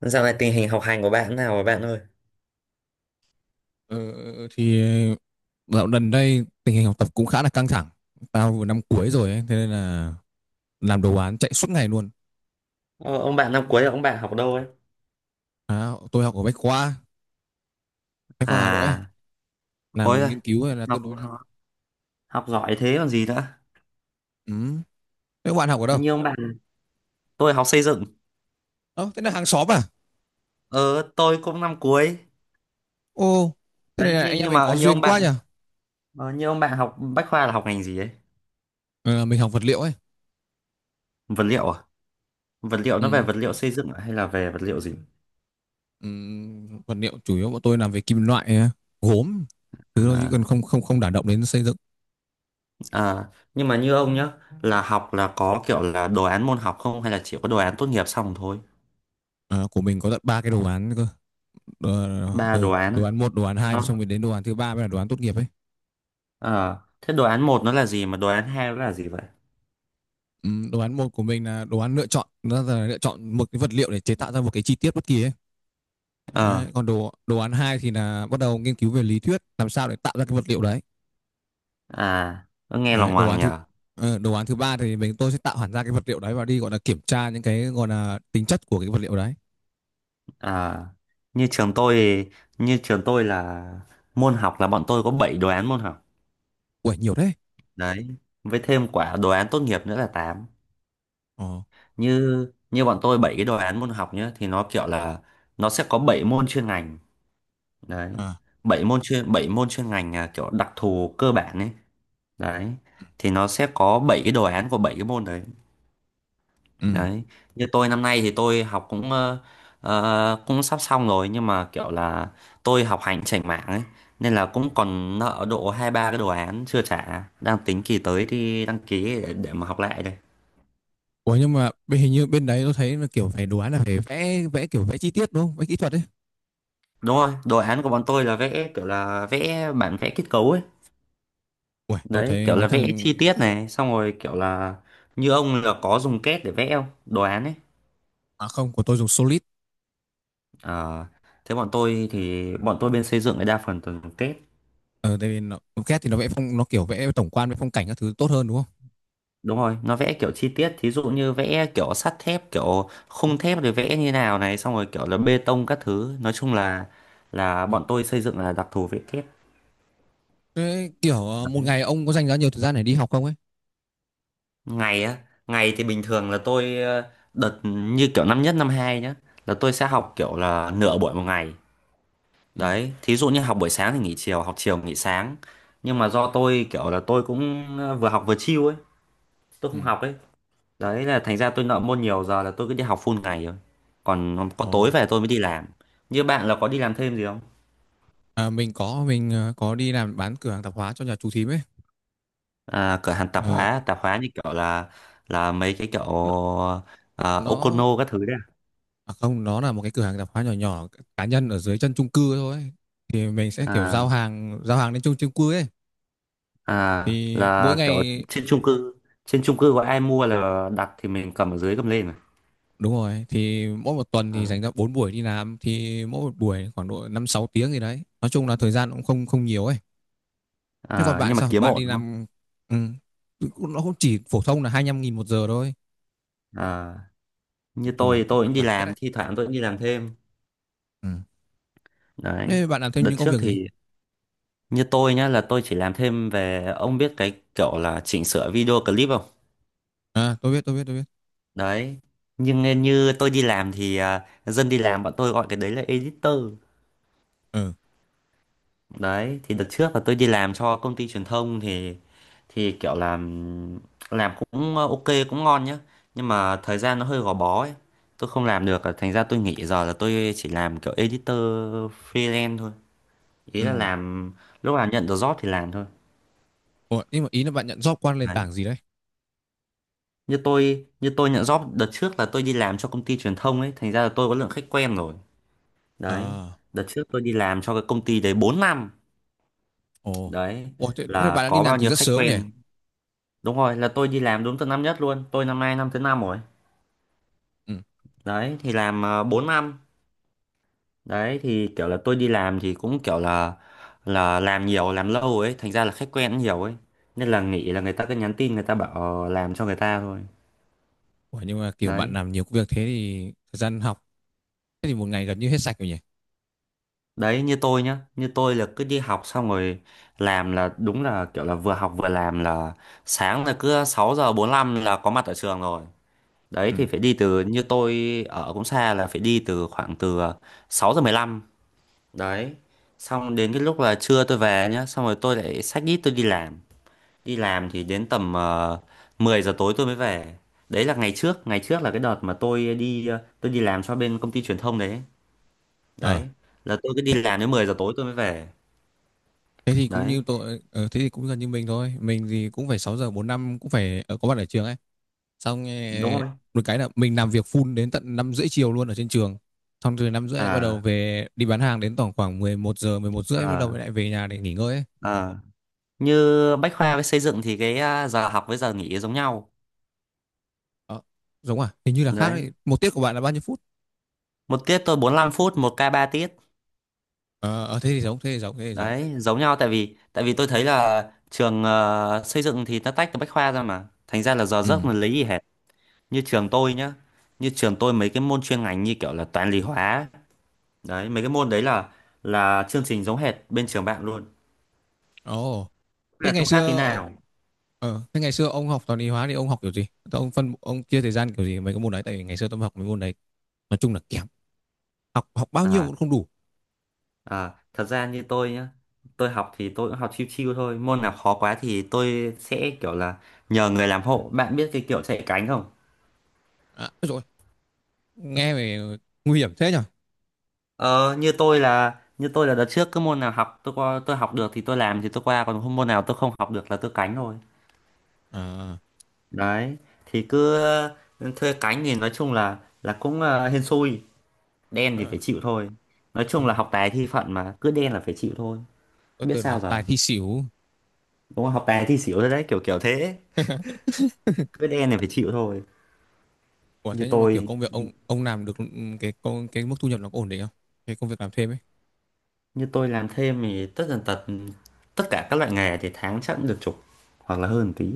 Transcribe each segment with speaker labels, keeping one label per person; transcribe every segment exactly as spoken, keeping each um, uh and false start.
Speaker 1: Dạo này tình hình học hành của bạn thế nào rồi bạn ơi?
Speaker 2: Ờ, thì ờ, dạo gần đây tình hình học tập cũng khá là căng thẳng. Tao vừa năm cuối rồi ấy, thế nên là làm đồ án chạy suốt ngày luôn.
Speaker 1: Ờ, ông bạn năm cuối là ông bạn học đâu ấy?
Speaker 2: À, tôi học ở Bách Khoa, Bách Khoa Hà Nội ấy,
Speaker 1: À, ôi
Speaker 2: làm
Speaker 1: rồi
Speaker 2: nghiên cứu hay là tương
Speaker 1: học
Speaker 2: đối đã.
Speaker 1: học giỏi thế còn gì nữa.
Speaker 2: Ừ. Thế các bạn học ở
Speaker 1: Nó
Speaker 2: đâu?
Speaker 1: như ông bạn, tôi học xây dựng.
Speaker 2: Ờ, thế là hàng xóm à?
Speaker 1: Ờ, tôi cũng năm cuối.
Speaker 2: Ô, thế
Speaker 1: Đấy,
Speaker 2: này là anh
Speaker 1: nhưng
Speaker 2: em
Speaker 1: nhưng
Speaker 2: mình
Speaker 1: mà
Speaker 2: có
Speaker 1: như
Speaker 2: duyên
Speaker 1: ông
Speaker 2: quá nhỉ?
Speaker 1: bạn, ờ, như ông bạn học Bách Khoa là học ngành gì ấy?
Speaker 2: Ờ, mình học vật liệu ấy.
Speaker 1: Vật liệu à? Vật liệu nó về
Speaker 2: Ừ.
Speaker 1: vật liệu xây dựng à? Hay là về vật liệu gì?
Speaker 2: Ừ. Vật liệu chủ yếu bọn tôi làm về kim loại, gốm, thứ đó chứ còn
Speaker 1: À,
Speaker 2: không không không đả động đến xây dựng.
Speaker 1: à, nhưng mà như ông nhá, là học là có kiểu là đồ án môn học không hay là chỉ có đồ án tốt nghiệp xong thôi?
Speaker 2: Ờ, của mình có tận ba cái đồ án cơ. đồ,
Speaker 1: Ba
Speaker 2: ừ,
Speaker 1: đồ án
Speaker 2: đồ
Speaker 1: à?
Speaker 2: án một đồ án hai xong
Speaker 1: Nó
Speaker 2: rồi đến đồ án thứ ba mới là đồ án tốt nghiệp ấy.
Speaker 1: Ờ, thế đồ án một nó là gì mà đồ án hai nó là gì vậy?
Speaker 2: Ừ, đồ án một của mình là đồ án lựa chọn, nó là lựa chọn một cái vật liệu để chế tạo ra một cái chi tiết bất kỳ ấy.
Speaker 1: Ờ,
Speaker 2: Đấy, còn đồ đồ án hai thì là bắt đầu nghiên cứu về lý thuyết làm sao để tạo ra cái vật liệu đấy.
Speaker 1: à, nó nghe lòng
Speaker 2: Đấy đồ
Speaker 1: ngoằng
Speaker 2: án thứ
Speaker 1: nhở.
Speaker 2: ờ, đồ án thứ ba thì mình tôi sẽ tạo hẳn ra cái vật liệu đấy và đi gọi là kiểm tra những cái gọi là tính chất của cái vật liệu đấy.
Speaker 1: À, như trường tôi như trường tôi là môn học là bọn tôi có bảy đồ án môn học.
Speaker 2: Ui nhiều đấy.
Speaker 1: Đấy, với thêm quả đồ án tốt nghiệp nữa là tám.
Speaker 2: Ồ,
Speaker 1: Như như bọn tôi bảy cái đồ án môn học nhá thì nó kiểu là nó sẽ có bảy môn chuyên ngành. Đấy.
Speaker 2: à,
Speaker 1: Bảy môn chuyên bảy môn chuyên ngành là kiểu đặc thù cơ bản ấy. Đấy. Thì nó sẽ có bảy cái đồ án của bảy cái môn đấy.
Speaker 2: ừ.
Speaker 1: Đấy, như tôi năm nay thì tôi học cũng ờ, ờ, cũng sắp xong rồi nhưng mà kiểu là tôi học hành chểnh mảng ấy, nên là cũng còn nợ độ hai ba cái đồ án chưa trả, đang tính kỳ tới đi đăng ký để, để mà học lại đây.
Speaker 2: Ủa, nhưng mà bên- hình như bên đấy tôi thấy là kiểu phải đồ án là phải vẽ vẽ kiểu vẽ chi tiết đúng không? Vẽ kỹ thuật ấy.
Speaker 1: Đúng rồi, đồ án của bọn tôi là vẽ kiểu là vẽ bản vẽ kết cấu ấy.
Speaker 2: Ui, tôi
Speaker 1: Đấy,
Speaker 2: thấy
Speaker 1: kiểu
Speaker 2: mấy
Speaker 1: là vẽ
Speaker 2: thằng.
Speaker 1: chi tiết này, xong rồi kiểu là như ông là có dùng kết để vẽ không? Đồ án ấy.
Speaker 2: À không, của tôi dùng Solid.
Speaker 1: Ờ, thế bọn tôi thì bọn tôi bên xây dựng là đa phần toàn dùng kết.
Speaker 2: Ờ, tại vì nó, xê a đê thì nó vẽ phong, nó kiểu vẽ tổng quan với phong cảnh các thứ tốt hơn đúng không?
Speaker 1: Đúng rồi, nó vẽ kiểu chi tiết, thí dụ như vẽ kiểu sắt thép, kiểu khung thép rồi vẽ như nào này, xong rồi kiểu là bê tông các thứ. Nói chung là là
Speaker 2: Ừ.
Speaker 1: bọn tôi xây dựng là đặc thù vẽ kép.
Speaker 2: Thế kiểu ờ, một
Speaker 1: Đấy.
Speaker 2: ngày ông có dành ra nhiều thời gian để đi học không ấy?
Speaker 1: Ngày á, ngày thì bình thường là tôi ờ, đợt như kiểu năm nhất năm hai nhá, là tôi sẽ học kiểu là nửa buổi một ngày.
Speaker 2: Ừ.
Speaker 1: Đấy, thí dụ như học buổi sáng thì nghỉ chiều, học chiều nghỉ sáng. Nhưng mà do tôi kiểu là tôi cũng ờ, vừa học vừa chill ấy, tôi
Speaker 2: Ừ.
Speaker 1: không học ấy. Đấy là thành ra tôi nợ môn nhiều, giờ là tôi cứ đi học full ngày rồi. Còn có
Speaker 2: Ồ,
Speaker 1: tối về tôi mới đi làm. Như bạn là có đi làm thêm gì không?
Speaker 2: à, mình có mình ờ, có đi làm bán cửa hàng tạp hóa cho nhà chú thím ấy.
Speaker 1: À, cửa hàng
Speaker 2: Ừ.
Speaker 1: tạp
Speaker 2: Ờ,
Speaker 1: hóa, tạp hóa như kiểu là là mấy cái kiểu
Speaker 2: nó,
Speaker 1: à,
Speaker 2: nó
Speaker 1: Okono các thứ đấy.
Speaker 2: à không, nó là một cái cửa hàng tạp hóa nhỏ nhỏ cá nhân ở dưới chân chung cư thôi ấy. Thì mình sẽ kiểu
Speaker 1: À,
Speaker 2: giao hàng giao hàng đến chung chung cư ấy.
Speaker 1: à à,
Speaker 2: Thì mỗi
Speaker 1: là kiểu
Speaker 2: ngày.
Speaker 1: trên chung cư, trên chung cư có ai mua là đặt thì mình cầm ở dưới cầm lên mà.
Speaker 2: Đúng rồi, thì mỗi một tuần thì
Speaker 1: À,
Speaker 2: dành ra bốn buổi đi làm, thì mỗi một buổi khoảng độ năm sáu tiếng gì đấy. Nói chung là thời gian cũng không không nhiều ấy. Thế còn
Speaker 1: à,
Speaker 2: bạn
Speaker 1: nhưng mà
Speaker 2: sao?
Speaker 1: kiếm
Speaker 2: Bạn
Speaker 1: ổn
Speaker 2: đi
Speaker 1: đúng không?
Speaker 2: làm. Ừ, cũng- nó cũng chỉ phổ thông là hai lăm nghìn một giờ thôi.
Speaker 1: À,
Speaker 2: Nói
Speaker 1: như
Speaker 2: chung
Speaker 1: tôi
Speaker 2: là
Speaker 1: thì
Speaker 2: cũng
Speaker 1: tôi
Speaker 2: vất
Speaker 1: cũng đi
Speaker 2: vả hết
Speaker 1: làm,
Speaker 2: đấy.
Speaker 1: thi thoảng tôi cũng đi làm thêm.
Speaker 2: Ừ.
Speaker 1: Đấy.
Speaker 2: Thế bạn làm thêm
Speaker 1: Đợt
Speaker 2: những công
Speaker 1: trước
Speaker 2: việc gì?
Speaker 1: thì Như tôi nhá là tôi chỉ làm thêm về, ông biết cái kiểu là chỉnh sửa video clip không?
Speaker 2: À, tôi biết, tôi biết, tôi biết.
Speaker 1: Đấy. Nhưng nên như tôi đi làm thì à, dân đi làm bọn tôi gọi cái đấy là editor.
Speaker 2: Ừ.
Speaker 1: Đấy, thì đợt trước là tôi đi làm cho công ty truyền thông thì thì kiểu làm làm cũng à, ok cũng ngon nhá. Nhưng mà thời gian nó hơi gò bó ấy. Tôi không làm được à, thành ra tôi nghỉ, giờ là tôi chỉ làm kiểu editor freelance thôi. Ý là
Speaker 2: Ừ.
Speaker 1: làm lúc nào nhận được job thì làm thôi.
Speaker 2: Ủa, nhưng mà ý là bạn nhận job qua nền
Speaker 1: Đấy.
Speaker 2: tảng gì đấy?
Speaker 1: như tôi như tôi nhận job đợt trước là tôi đi làm cho công ty truyền thông ấy, thành ra là tôi có lượng khách quen rồi. Đấy,
Speaker 2: À,
Speaker 1: đợt trước tôi đi làm cho cái công ty đấy bốn năm.
Speaker 2: ồ.
Speaker 1: Đấy
Speaker 2: Ủa, thế, thế bạn
Speaker 1: là
Speaker 2: đã đi
Speaker 1: có
Speaker 2: làm
Speaker 1: bao
Speaker 2: từ
Speaker 1: nhiêu
Speaker 2: rất
Speaker 1: khách
Speaker 2: sớm nhỉ?
Speaker 1: quen, đúng rồi, là tôi đi làm đúng từ năm nhất luôn, tôi năm nay năm thứ năm rồi.
Speaker 2: Ừ.
Speaker 1: Đấy thì làm uh, bốn năm. Đấy thì kiểu là tôi đi làm thì cũng kiểu là là làm nhiều làm lâu ấy, thành ra là khách quen cũng nhiều ấy, nên là nghĩ là người ta cứ nhắn tin người ta bảo ờ, làm cho người ta thôi.
Speaker 2: Ủa, nhưng mà kiểu bạn
Speaker 1: Đấy.
Speaker 2: làm nhiều công việc thế thì thời gian học thế thì một ngày gần như hết sạch rồi nhỉ?
Speaker 1: Đấy, như tôi nhá, như tôi là cứ đi học xong rồi làm, là đúng là kiểu là vừa học vừa làm, là sáng là cứ sáu giờ bốn lăm là có mặt ở trường rồi. Đấy
Speaker 2: Ừ.
Speaker 1: thì phải đi từ, như tôi ở cũng xa là phải đi từ khoảng từ sáu giờ mười lăm. Đấy, xong đến cái lúc là trưa tôi về nhá, xong rồi tôi lại xách ít tôi đi làm, đi làm thì đến tầm ờ, mười giờ tối tôi mới về. Đấy là ngày trước, ngày trước là cái đợt mà tôi đi ờ, tôi đi làm cho bên công ty truyền thông đấy.
Speaker 2: Ờ.
Speaker 1: Đấy là tôi cứ đi làm đến mười giờ tối tôi mới về.
Speaker 2: Thế thì cũng
Speaker 1: Đấy
Speaker 2: như tôi, ờ, thế thì cũng gần như mình thôi. Mình thì cũng phải sáu giờ bốn năm cũng phải ờ, có mặt ở trường ấy. Xong ờ,
Speaker 1: đúng rồi.
Speaker 2: một cái là mình làm việc full đến tận năm rưỡi chiều luôn ở trên trường. Xong từ năm rưỡi lại bắt đầu
Speaker 1: À
Speaker 2: về đi bán hàng đến tổng khoảng mười một giờ mười một rưỡi bắt đầu
Speaker 1: à
Speaker 2: lại về nhà để nghỉ ngơi ấy.
Speaker 1: à, như Bách Khoa với xây dựng thì cái à, giờ học với giờ nghỉ giống nhau.
Speaker 2: Ờ, giống à hình như là khác
Speaker 1: Đấy,
Speaker 2: đấy. Một tiết của bạn là bao nhiêu phút?
Speaker 1: một tiết tôi bốn lăm phút, một k ba tiết.
Speaker 2: ờ ờ, Thế thì giống thế thì giống thế thì giống.
Speaker 1: Đấy giống nhau, tại vì tại vì tôi thấy là trường ờ, xây dựng thì nó tách từ Bách Khoa ra mà, thành ra là giờ giấc
Speaker 2: Ừ.
Speaker 1: mình lấy gì hết. Như trường tôi nhá, như trường tôi mấy cái môn chuyên ngành như kiểu là toán lý hóa, đấy mấy cái môn đấy là là chương trình giống hệt bên trường bạn luôn.
Speaker 2: Ồ.
Speaker 1: Thế
Speaker 2: Thế
Speaker 1: là
Speaker 2: ngày
Speaker 1: không khác tí
Speaker 2: xưa
Speaker 1: nào
Speaker 2: ờ, thế ngày xưa ông học toán lý hóa thì ông học kiểu gì? Thế ông phân ông chia thời gian kiểu gì mấy cái môn đấy, tại vì ngày xưa tôi học mấy môn đấy nói chung là kém. Học học bao nhiêu
Speaker 1: à.
Speaker 2: cũng không đủ.
Speaker 1: À, thật ra như tôi nhá, tôi học thì tôi cũng học chill chill thôi. Môn nào khó quá thì tôi sẽ kiểu là nhờ người làm hộ. Bạn biết cái kiểu chạy cánh không?
Speaker 2: À, rồi, nghe về nguy hiểm thế nhở.
Speaker 1: Ờ, như tôi là như tôi là đợt trước cứ môn nào học tôi qua, tôi học được thì tôi làm thì tôi qua, còn không, môn nào tôi không học được là tôi cánh thôi.
Speaker 2: À,
Speaker 1: Đấy, thì cứ ừ, thuê cánh thì nói chung là là cũng ờ, hên xui, đen thì phải chịu thôi. Nói
Speaker 2: ờ,
Speaker 1: chung là học tài thi phận mà, cứ đen là phải chịu thôi.
Speaker 2: tôi
Speaker 1: Biết
Speaker 2: tưởng là học
Speaker 1: sao giờ.
Speaker 2: tài thi xỉu.
Speaker 1: Đúng không? Học tài thi xỉu rồi đấy, kiểu kiểu thế. Cứ đen thì phải chịu thôi.
Speaker 2: Ủa
Speaker 1: như
Speaker 2: thế nhưng mà kiểu
Speaker 1: tôi
Speaker 2: công việc ông ông làm được, ừ, cái công cái mức thu nhập nó có ổn định không? Cái công việc làm thêm ấy.
Speaker 1: như tôi làm thêm thì tất tần tật tất cả các loại nghề thì tháng chắc cũng được chục hoặc là hơn tí.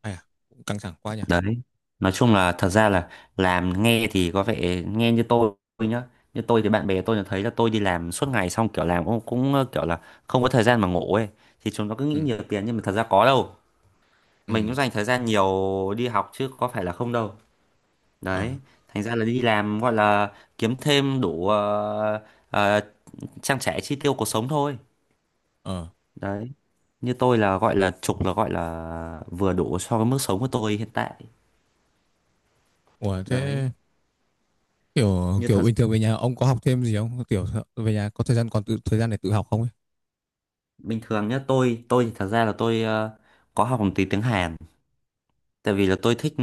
Speaker 2: Ai à, cũng căng thẳng quá nhỉ.
Speaker 1: Đấy, nói chung là thật ra là làm nghe thì có vẻ, nghe như tôi nhá, như tôi thì bạn bè tôi là thấy là tôi đi làm suốt ngày, xong kiểu làm cũng, cũng ờ, kiểu là không có thời gian mà ngủ ấy, thì chúng nó cứ
Speaker 2: Ừ,
Speaker 1: nghĩ nhiều tiền nhưng mà thật ra có đâu. Mình
Speaker 2: ừ,
Speaker 1: cũng dành thời gian nhiều đi học chứ có phải là không đâu. Đấy,
Speaker 2: ờ,
Speaker 1: thành ra là đi làm gọi là kiếm thêm đủ ờ, ờ, trang trải chi tiêu cuộc sống thôi.
Speaker 2: ờ.
Speaker 1: Đấy, như tôi là gọi là trục là gọi là vừa đủ so với mức sống của tôi hiện tại.
Speaker 2: Ủa
Speaker 1: Đấy.
Speaker 2: thế kiểu
Speaker 1: Như
Speaker 2: kiểu
Speaker 1: thật
Speaker 2: bình thường về nhà ông có học thêm gì không, kiểu về nhà có thời gian còn tự thời gian để tự học không ấy?
Speaker 1: bình thường nhá, tôi tôi thì thật ra là tôi ờ, có học một tí tiếng Hàn, tại vì là tôi thích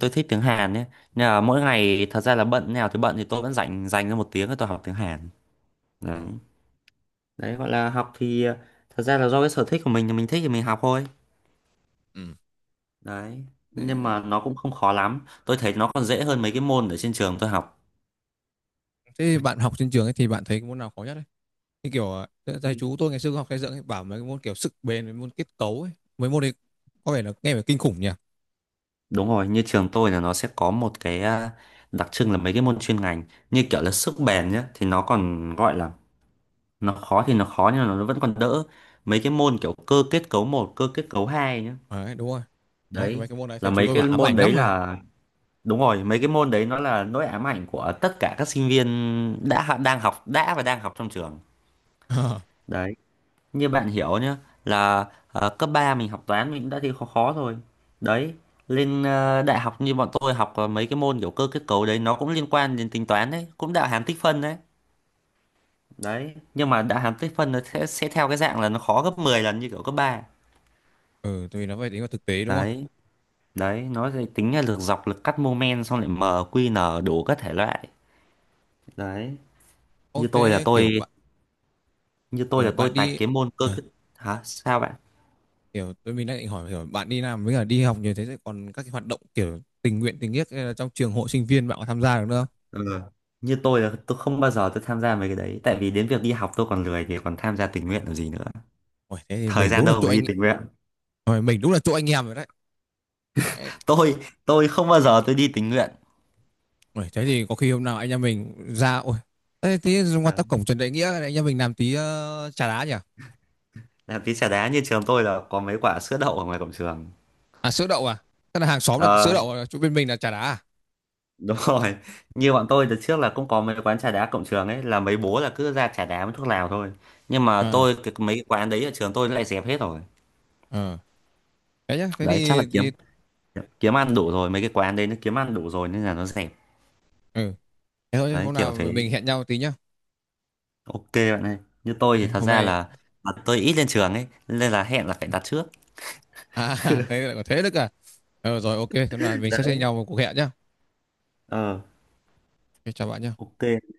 Speaker 1: tôi thích tiếng Hàn nhé, nên là mỗi ngày thật ra là bận nào thì bận, thì tôi vẫn dành dành ra một tiếng để tôi học tiếng Hàn. Đấy.
Speaker 2: Ờ.
Speaker 1: Đấy, gọi là học thì ờ, thật ra là do cái sở thích của mình, là mình thích thì mình học thôi.
Speaker 2: Ừ.
Speaker 1: Đấy. Nhưng
Speaker 2: thế,
Speaker 1: mà nó cũng không khó lắm, tôi thấy nó còn dễ hơn mấy cái môn ở trên trường tôi học.
Speaker 2: thế bạn học trên trường ấy thì bạn thấy cái môn nào khó nhất ấy, thì kiểu ờ, thầy chú tôi ngày xưa học xây dựng ấy, bảo mấy cái môn kiểu sức bền, mấy môn kết cấu ấy, mấy môn đấy có vẻ là nghe phải kinh khủng nhỉ.
Speaker 1: Đúng rồi, như trường tôi là nó sẽ có một cái à, đặc trưng là mấy cái môn chuyên ngành như kiểu là sức bền nhá, thì nó còn gọi là, nó khó thì nó khó nhưng mà nó vẫn còn đỡ. Mấy cái môn kiểu cơ kết cấu một, cơ kết cấu hai nhá,
Speaker 2: Đấy đúng rồi, đấy cái
Speaker 1: đấy
Speaker 2: mấy cái môn đấy
Speaker 1: là
Speaker 2: thầy chú
Speaker 1: mấy
Speaker 2: tôi
Speaker 1: cái
Speaker 2: bảo ám
Speaker 1: môn
Speaker 2: ảnh lắm
Speaker 1: đấy
Speaker 2: mà.
Speaker 1: là, đúng rồi, mấy cái môn đấy nó là nỗi ám ảnh của tất cả các sinh viên đã đang học đã và đang học trong trường. Đấy, như bạn hiểu nhá, là ờ, cấp ba mình học toán mình cũng đã thi khó khó rồi. Đấy, lên ờ, đại học như bọn tôi học ờ, mấy cái môn kiểu cơ kết cấu đấy nó cũng liên quan đến tính toán, đấy cũng đạo hàm tích phân đấy. Đấy, nhưng mà đạo hàm tích phân nó sẽ, sẽ theo cái dạng là nó khó gấp mười lần như kiểu cấp ba.
Speaker 2: Ừ, tại vì nó phải tính vào thực tế đúng không?
Speaker 1: Đấy, đấy nó sẽ tính là lực dọc, lực cắt, moment, xong lại m, q, n đủ các thể loại. Đấy,
Speaker 2: Ô
Speaker 1: như tôi là
Speaker 2: thế kiểu
Speaker 1: tôi
Speaker 2: bạn
Speaker 1: như tôi
Speaker 2: ờ,
Speaker 1: là tôi
Speaker 2: bạn
Speaker 1: tạch
Speaker 2: đi.
Speaker 1: cái môn cơ kết. Hả, sao bạn?
Speaker 2: Kiểu tôi mình đang định hỏi, kiểu bạn đi làm với cả đi học như thế thì còn các cái hoạt động kiểu tình nguyện tình nghĩa hay là trong trường hội sinh viên bạn có tham gia được nữa không?
Speaker 1: Ừ. Như tôi là tôi không bao giờ tôi tham gia mấy cái đấy. Tại vì đến việc đi học tôi còn lười, thì còn tham gia tình nguyện làm gì nữa.
Speaker 2: Ôi, thế thì
Speaker 1: Thời
Speaker 2: mình
Speaker 1: gian
Speaker 2: đúng là
Speaker 1: đâu
Speaker 2: chỗ
Speaker 1: mà đi
Speaker 2: anh.
Speaker 1: tình nguyện.
Speaker 2: Ôi, mình đúng là chỗ anh em rồi đấy.
Speaker 1: Tôi tôi không bao giờ tôi đi tình nguyện.
Speaker 2: Ôi, thế thì có khi hôm nào anh em mình ra ôi thế thế qua
Speaker 1: Đấy.
Speaker 2: tắp cổng Trần Đại Nghĩa này, anh em mình làm tí ờ, trà đá nhỉ?
Speaker 1: Làm tí trà đá, như trường tôi là có mấy quả sữa đậu ở ngoài cổng trường.
Speaker 2: À sữa đậu à? Tức là hàng xóm là sữa
Speaker 1: Ờ,
Speaker 2: đậu à? Chỗ bên mình là trà đá à?
Speaker 1: đúng rồi. Như bọn tôi từ trước là cũng có mấy quán trà đá cổng trường ấy, là mấy bố là cứ ra trà đá với thuốc lào thôi. Nhưng mà
Speaker 2: À,
Speaker 1: tôi cái, mấy cái quán đấy ở trường tôi nó lại dẹp hết rồi.
Speaker 2: ờ. Thế nhá, thế
Speaker 1: Đấy, chắc
Speaker 2: thì,
Speaker 1: là kiếm
Speaker 2: thì
Speaker 1: kiếm ăn đủ rồi, mấy cái quán đấy nó kiếm ăn đủ rồi nên là nó dẹp.
Speaker 2: Ừ. Thế thôi
Speaker 1: Đấy
Speaker 2: hôm
Speaker 1: kiểu
Speaker 2: nào
Speaker 1: thế.
Speaker 2: mình hẹn nhau tí nhá.
Speaker 1: Ok bạn ơi, như tôi thì
Speaker 2: Thế
Speaker 1: thật
Speaker 2: hôm
Speaker 1: ra
Speaker 2: nay.
Speaker 1: là, là tôi ít lên trường ấy, nên là hẹn là phải đặt trước.
Speaker 2: À thế lại có thế được à? Ờ, rồi ok, thế là mình sẽ xem
Speaker 1: Đấy.
Speaker 2: nhau một cuộc hẹn nhá.
Speaker 1: Ờ,
Speaker 2: OK, chào bạn nhé.
Speaker 1: ok.